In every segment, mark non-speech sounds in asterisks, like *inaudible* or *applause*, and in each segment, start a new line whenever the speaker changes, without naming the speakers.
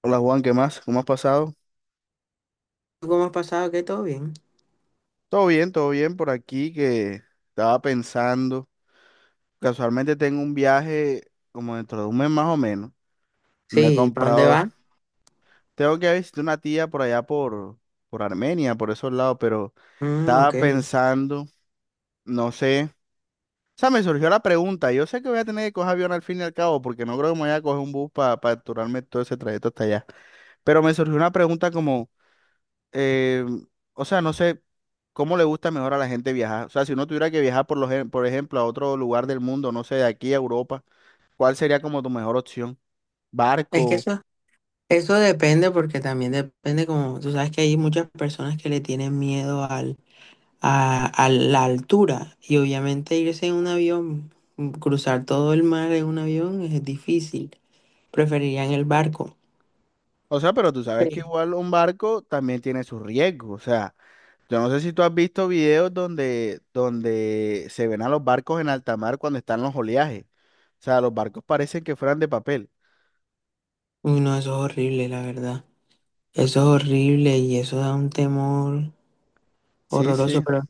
Hola Juan, ¿qué más? ¿Cómo has pasado?
¿Cómo has pasado? ¿Qué? ¿Todo bien?
Todo bien por aquí que estaba pensando. Casualmente tengo un viaje como dentro de un mes más o menos. Me he
Sí, ¿para dónde
comprado,
va?
tengo que visitar una tía por allá por Armenia, por esos lados, pero
Mm, ok.
estaba pensando, no sé. O sea, me surgió la pregunta. Yo sé que voy a tener que coger avión al fin y al cabo, porque no creo que me vaya a coger un bus para capturarme todo ese trayecto hasta allá. Pero me surgió una pregunta como, eh, o sea, no sé. ¿Cómo le gusta mejor a la gente viajar? O sea, si uno tuviera que viajar, por ejemplo, a otro lugar del mundo, no sé, de aquí a Europa, ¿cuál sería como tu mejor opción?
Es que
Barco.
eso depende porque también depende como, tú sabes que hay muchas personas que le tienen miedo a la altura y obviamente irse en un avión, cruzar todo el mar en un avión es difícil. Preferirían el barco.
O sea, pero tú sabes que
Sí.
igual un barco también tiene sus riesgos. O sea, yo no sé si tú has visto videos donde, donde se ven a los barcos en alta mar cuando están los oleajes. O sea, los barcos parecen que fueran de papel.
Uy, no, eso es horrible, la verdad. Eso es horrible y eso da un temor
Sí,
horroroso,
sí,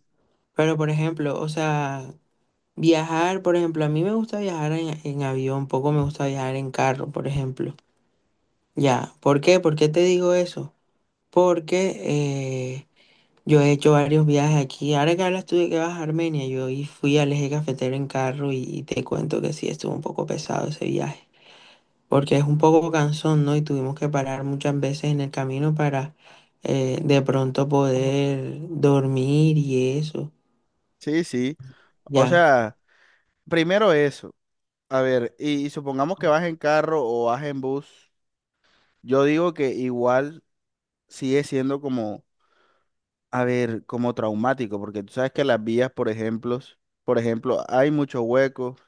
pero por ejemplo, o sea... Viajar, por ejemplo, a mí me gusta viajar en avión, poco me gusta viajar en carro, por ejemplo. Ya, ¿por qué? ¿Por qué te digo eso? Porque yo he hecho varios viajes aquí. Ahora que hablas tú de que vas a Armenia, yo fui al eje cafetero en carro y te cuento que sí, estuvo un poco pesado ese viaje, porque es un poco cansón, ¿no? Y tuvimos que parar muchas veces en el camino para de pronto poder dormir y eso.
sí, sí. O
Ya,
sea, primero eso. A ver, y supongamos que vas en carro o vas en bus. Yo digo que igual, sigue siendo como, a ver, como traumático, porque tú sabes que las vías, por ejemplo, hay muchos huecos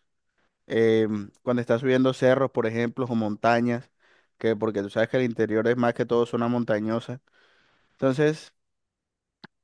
cuando estás subiendo cerros, por ejemplo, o montañas, que porque tú sabes que el interior es más que todo zona montañosa. Entonces,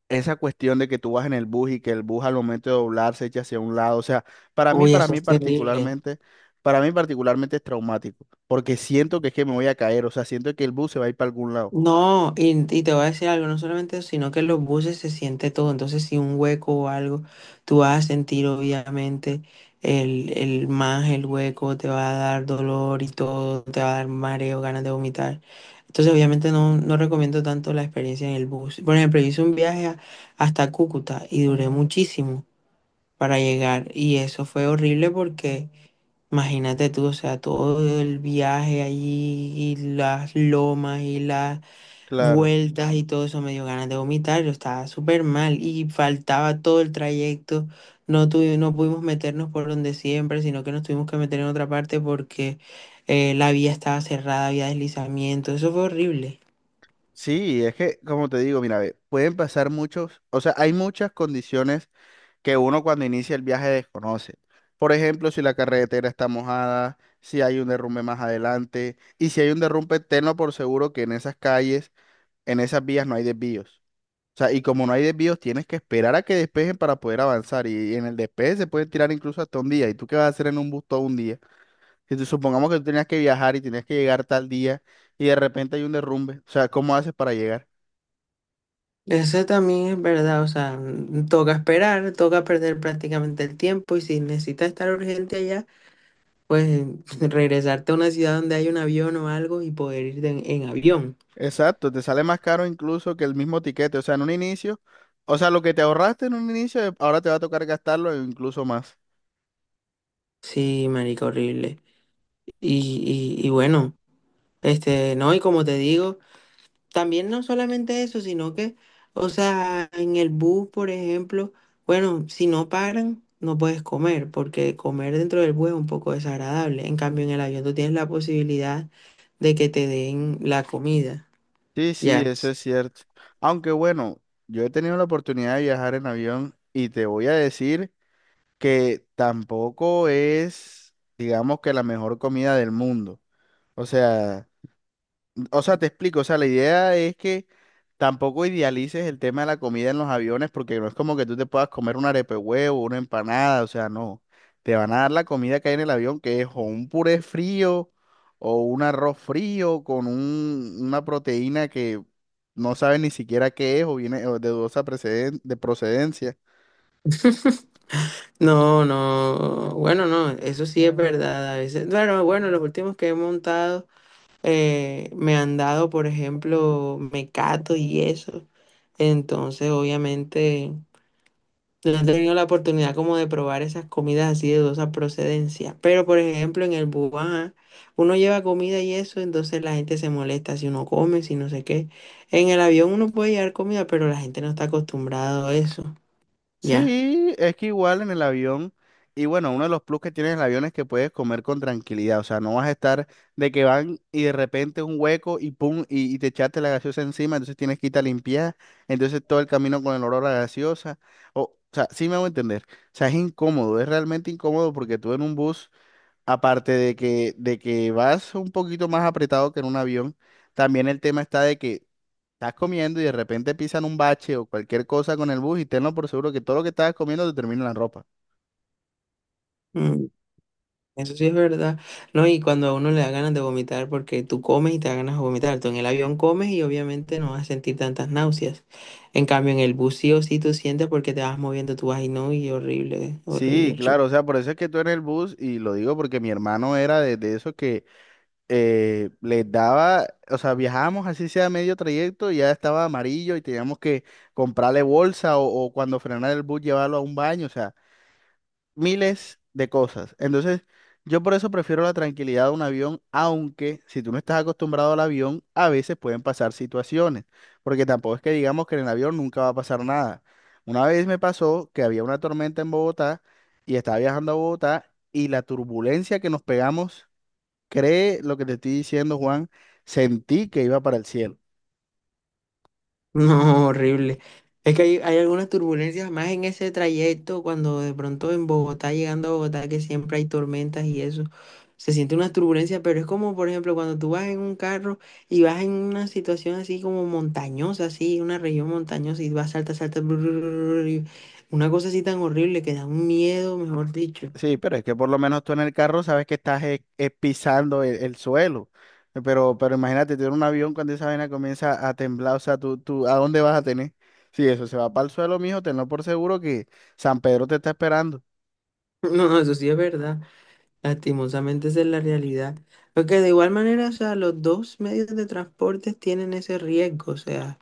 esa cuestión de que tú vas en el bus y que el bus al momento de doblar se echa hacia un lado, o sea, para mí,
uy,
para
eso
mí
es terrible.
particularmente, para mí particularmente es traumático, porque siento que es que me voy a caer, o sea, siento que el bus se va a ir para algún lado.
No, y te voy a decir algo, no solamente eso, sino que en los buses se siente todo, entonces si un hueco o algo, tú vas a sentir obviamente el más el hueco, te va a dar dolor y todo, te va a dar mareo, ganas de vomitar. Entonces obviamente no, no recomiendo tanto la experiencia en el bus. Por ejemplo, yo hice un viaje hasta Cúcuta y duré muchísimo para llegar y eso fue horrible porque... Imagínate tú, o sea, todo el viaje allí y las lomas y las
Claro.
vueltas y todo eso, me dio ganas de vomitar, yo estaba súper mal y faltaba todo el trayecto, no pudimos meternos por donde siempre, sino que nos tuvimos que meter en otra parte porque la vía estaba cerrada, había deslizamiento, eso fue horrible.
Sí, es que, como te digo, mira, ve, pueden pasar muchos, o sea, hay muchas condiciones que uno cuando inicia el viaje desconoce. Por ejemplo, si la carretera está mojada, si hay un derrumbe más adelante, y si hay un derrumbe, tenlo por seguro que en esas calles, en esas vías no hay desvíos. O sea, y como no hay desvíos, tienes que esperar a que despejen para poder avanzar, y en el despeje se puede tirar incluso hasta un día. ¿Y tú qué vas a hacer en un bus todo un día? Si tú- Supongamos que tú tenías que viajar y tenías que llegar tal día, y de repente hay un derrumbe, o sea, ¿cómo haces para llegar?
Eso también es verdad, o sea, toca esperar, toca perder prácticamente el tiempo y si necesitas estar urgente allá, pues *laughs* regresarte a una ciudad donde hay un avión o algo y poder ir en avión.
Exacto, te sale más caro incluso que el mismo tiquete. O sea, en un inicio, o sea, lo que te ahorraste en un inicio, ahora te va a tocar gastarlo e incluso más.
Sí, marica, horrible. Y y bueno. Este, no, y como te digo, también no solamente eso, sino que, o sea, en el bus, por ejemplo, bueno, si no paran, no puedes comer, porque comer dentro del bus es un poco desagradable. En cambio, en el avión tú tienes la posibilidad de que te den la comida.
Sí, sí,
Ya.
eso es cierto. Aunque bueno, yo he tenido la oportunidad de viajar en avión y te voy a decir que tampoco es, digamos que la mejor comida del mundo. O sea, O sea, te explico, o sea, la idea es que tampoco idealices el tema de la comida en los aviones porque no es como que tú te puedas comer un arepe huevo, una empanada, o sea, no. Te van a dar la comida que hay en el avión, que es o un puré frío o un arroz frío con una proteína que no sabes ni siquiera qué es o viene o de dudosa de procedencia.
No, no, bueno, no, eso sí es verdad. A veces, bueno, bueno, los últimos que he montado me han dado, por ejemplo, mecato y eso. Entonces, obviamente. No he tenido la oportunidad como de probar esas comidas así de dudosa procedencia. Pero, por ejemplo, en el Bubá, uno lleva comida y eso, entonces la gente se molesta si uno come, si no sé qué. En el avión uno puede llevar comida, pero la gente no está acostumbrada a eso. Ya.
Sí, es que igual en el avión, y bueno, uno de los plus que tiene el avión es que puedes comer con tranquilidad, o sea, no vas a estar de que van y de repente un hueco y pum, y te echaste la gaseosa encima, entonces tienes que irte a limpiar, entonces todo el camino con el olor a gaseosa, o sea, sí me hago entender, o sea, es incómodo, es realmente incómodo porque tú en un bus, aparte de que vas un poquito más apretado que en un avión, también el tema está de que estás comiendo y de repente pisan un bache o cualquier cosa con el bus y tenlo por seguro que todo lo que estabas comiendo te termina en la ropa.
Mm. Eso sí es verdad. No, y cuando a uno le da ganas de vomitar, porque tú comes y te da ganas de vomitar. Tú en el avión comes y obviamente no vas a sentir tantas náuseas. En cambio, en el bus sí o sí tú sientes porque te vas moviendo, tú vas y no, y horrible, horrible,
Sí, claro,
horrible.
o sea, por eso es que tú en el bus, y lo digo porque mi hermano era de esos que les daba, o sea, viajábamos así sea medio trayecto y ya estaba amarillo y teníamos que comprarle bolsa o cuando frenara el bus llevarlo a un baño, o sea. Miles de cosas. Entonces, yo por eso prefiero la tranquilidad de un avión, aunque si tú no estás acostumbrado al avión, a veces pueden pasar situaciones, porque tampoco es que digamos que en el avión nunca va a pasar nada. Una vez me pasó que había una tormenta en Bogotá y estaba viajando a Bogotá y la turbulencia que nos pegamos, cree lo que te estoy diciendo, Juan, sentí que iba para el cielo.
No, horrible. Es que hay algunas turbulencias más en ese trayecto cuando de pronto en Bogotá, llegando a Bogotá, que siempre hay tormentas y eso, se siente una turbulencia, pero es como, por ejemplo, cuando tú vas en un carro y vas en una situación así como montañosa, así, una región montañosa y vas, salta, salta, bru, bru, bru, bru, y una cosa así tan horrible que da un miedo, mejor dicho.
Sí, pero es que por lo menos tú en el carro sabes que estás pisando el suelo. Pero imagínate, tú en un avión cuando esa vaina comienza a temblar, o sea, ¿a dónde vas a tener? Si eso se va para el suelo, mijo, tenlo por seguro que San Pedro te está esperando.
*laughs* No, eso sí es verdad. Lastimosamente esa es la realidad. Porque de igual manera, o sea, los dos medios de transporte tienen ese riesgo, o sea.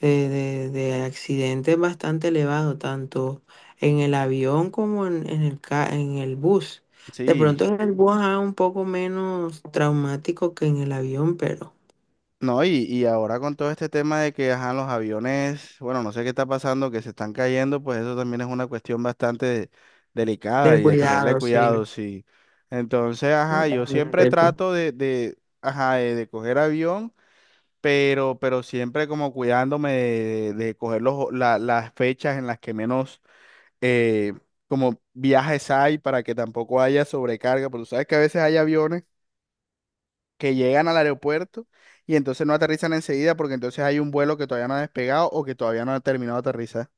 De de accidentes bastante elevados, tanto en el avión como en el, en el bus. De
Sí,
pronto en el bus es un poco menos traumático que en el avión, pero
no, y ahora con todo este tema de que, ajá, los aviones, bueno, no sé qué está pasando, que se están cayendo, pues eso también es una cuestión bastante delicada
de
y de tenerle
cuidado, sí.
cuidado, sí. Entonces, ajá, yo siempre trato de, ajá, de coger avión. Pero siempre como cuidándome de coger las fechas en las que menos eh, como viajes hay para que tampoco haya sobrecarga, porque tú sabes que a veces hay aviones que llegan al aeropuerto y entonces no aterrizan enseguida porque entonces hay un vuelo que todavía no ha despegado o que todavía no ha terminado de aterrizar.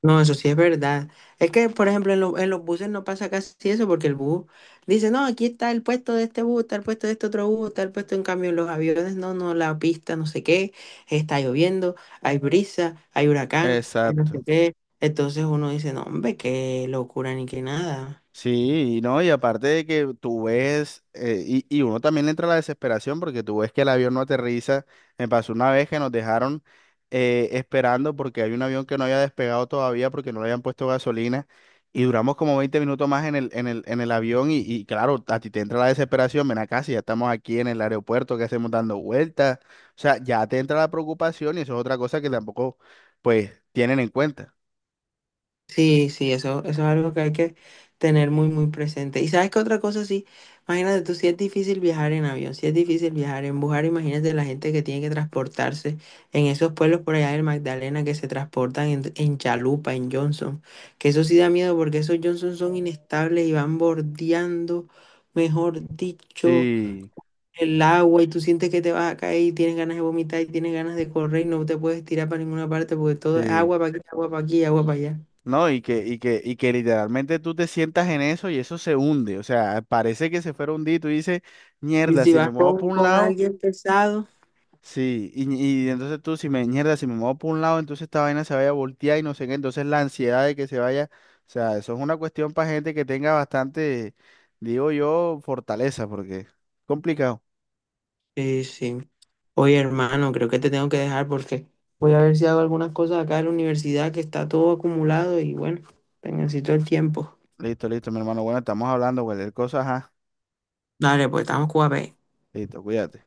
No, eso sí es verdad. Es que, por ejemplo, en los buses no pasa casi eso porque el bus dice, no, aquí está el puesto de este bus, está el puesto de este otro bus, está el puesto en cambio en los aviones, no, no, la pista, no sé qué, está lloviendo, hay brisa, hay huracán, hay no sé
Exacto.
qué. Entonces uno dice, no, hombre, qué locura ni qué nada.
Sí, y no, y aparte de que tú ves, y uno también le entra la desesperación porque tú ves que el avión no aterriza. Me pasó una vez que nos dejaron esperando porque hay un avión que no había despegado todavía porque no le habían puesto gasolina y duramos como 20 minutos más en el avión y claro, a ti te entra la desesperación, ven acá, ¿si ya estamos aquí en el aeropuerto, que hacemos dando vueltas? O sea, ya te entra la preocupación y eso es otra cosa que tampoco, pues, tienen en cuenta.
Sí, sí, eso es algo que hay que tener muy, muy presente. Y sabes que otra cosa, sí, imagínate tú, si es difícil viajar en avión, si es difícil viajar en bus, ahora imagínate la gente que tiene que transportarse en esos pueblos por allá del Magdalena que se transportan en chalupa, en Johnson, que eso sí da miedo porque esos Johnson son inestables y van bordeando, mejor dicho,
Sí,
el agua y tú sientes que te vas a caer y tienes ganas de vomitar y tienes ganas de correr y no te puedes tirar para ninguna parte porque todo es agua
sí.
para aquí, agua para aquí, agua para allá.
No, y que literalmente tú te sientas en eso y eso se hunde. O sea, parece que se fuera a hundir. Tú dices,
Y
mierda,
si
si
vas
me muevo por un
con
lado,
alguien pesado,
sí. Y entonces tú, mierda, si me muevo por un lado, entonces esta vaina se vaya a voltear y no sé qué. Entonces la ansiedad de que se vaya. O sea, eso es una cuestión para gente que tenga bastante, digo yo, fortaleza, porque es complicado.
sí, sí. Oye, hermano, creo que te tengo que dejar porque voy a ver si hago algunas cosas acá en la universidad que está todo acumulado y bueno, te necesito el tiempo.
Listo, listo, mi hermano. Bueno, estamos hablando, cualquier cosa, ajá.
Dale, pues estamos cuape.
Listo, cuídate.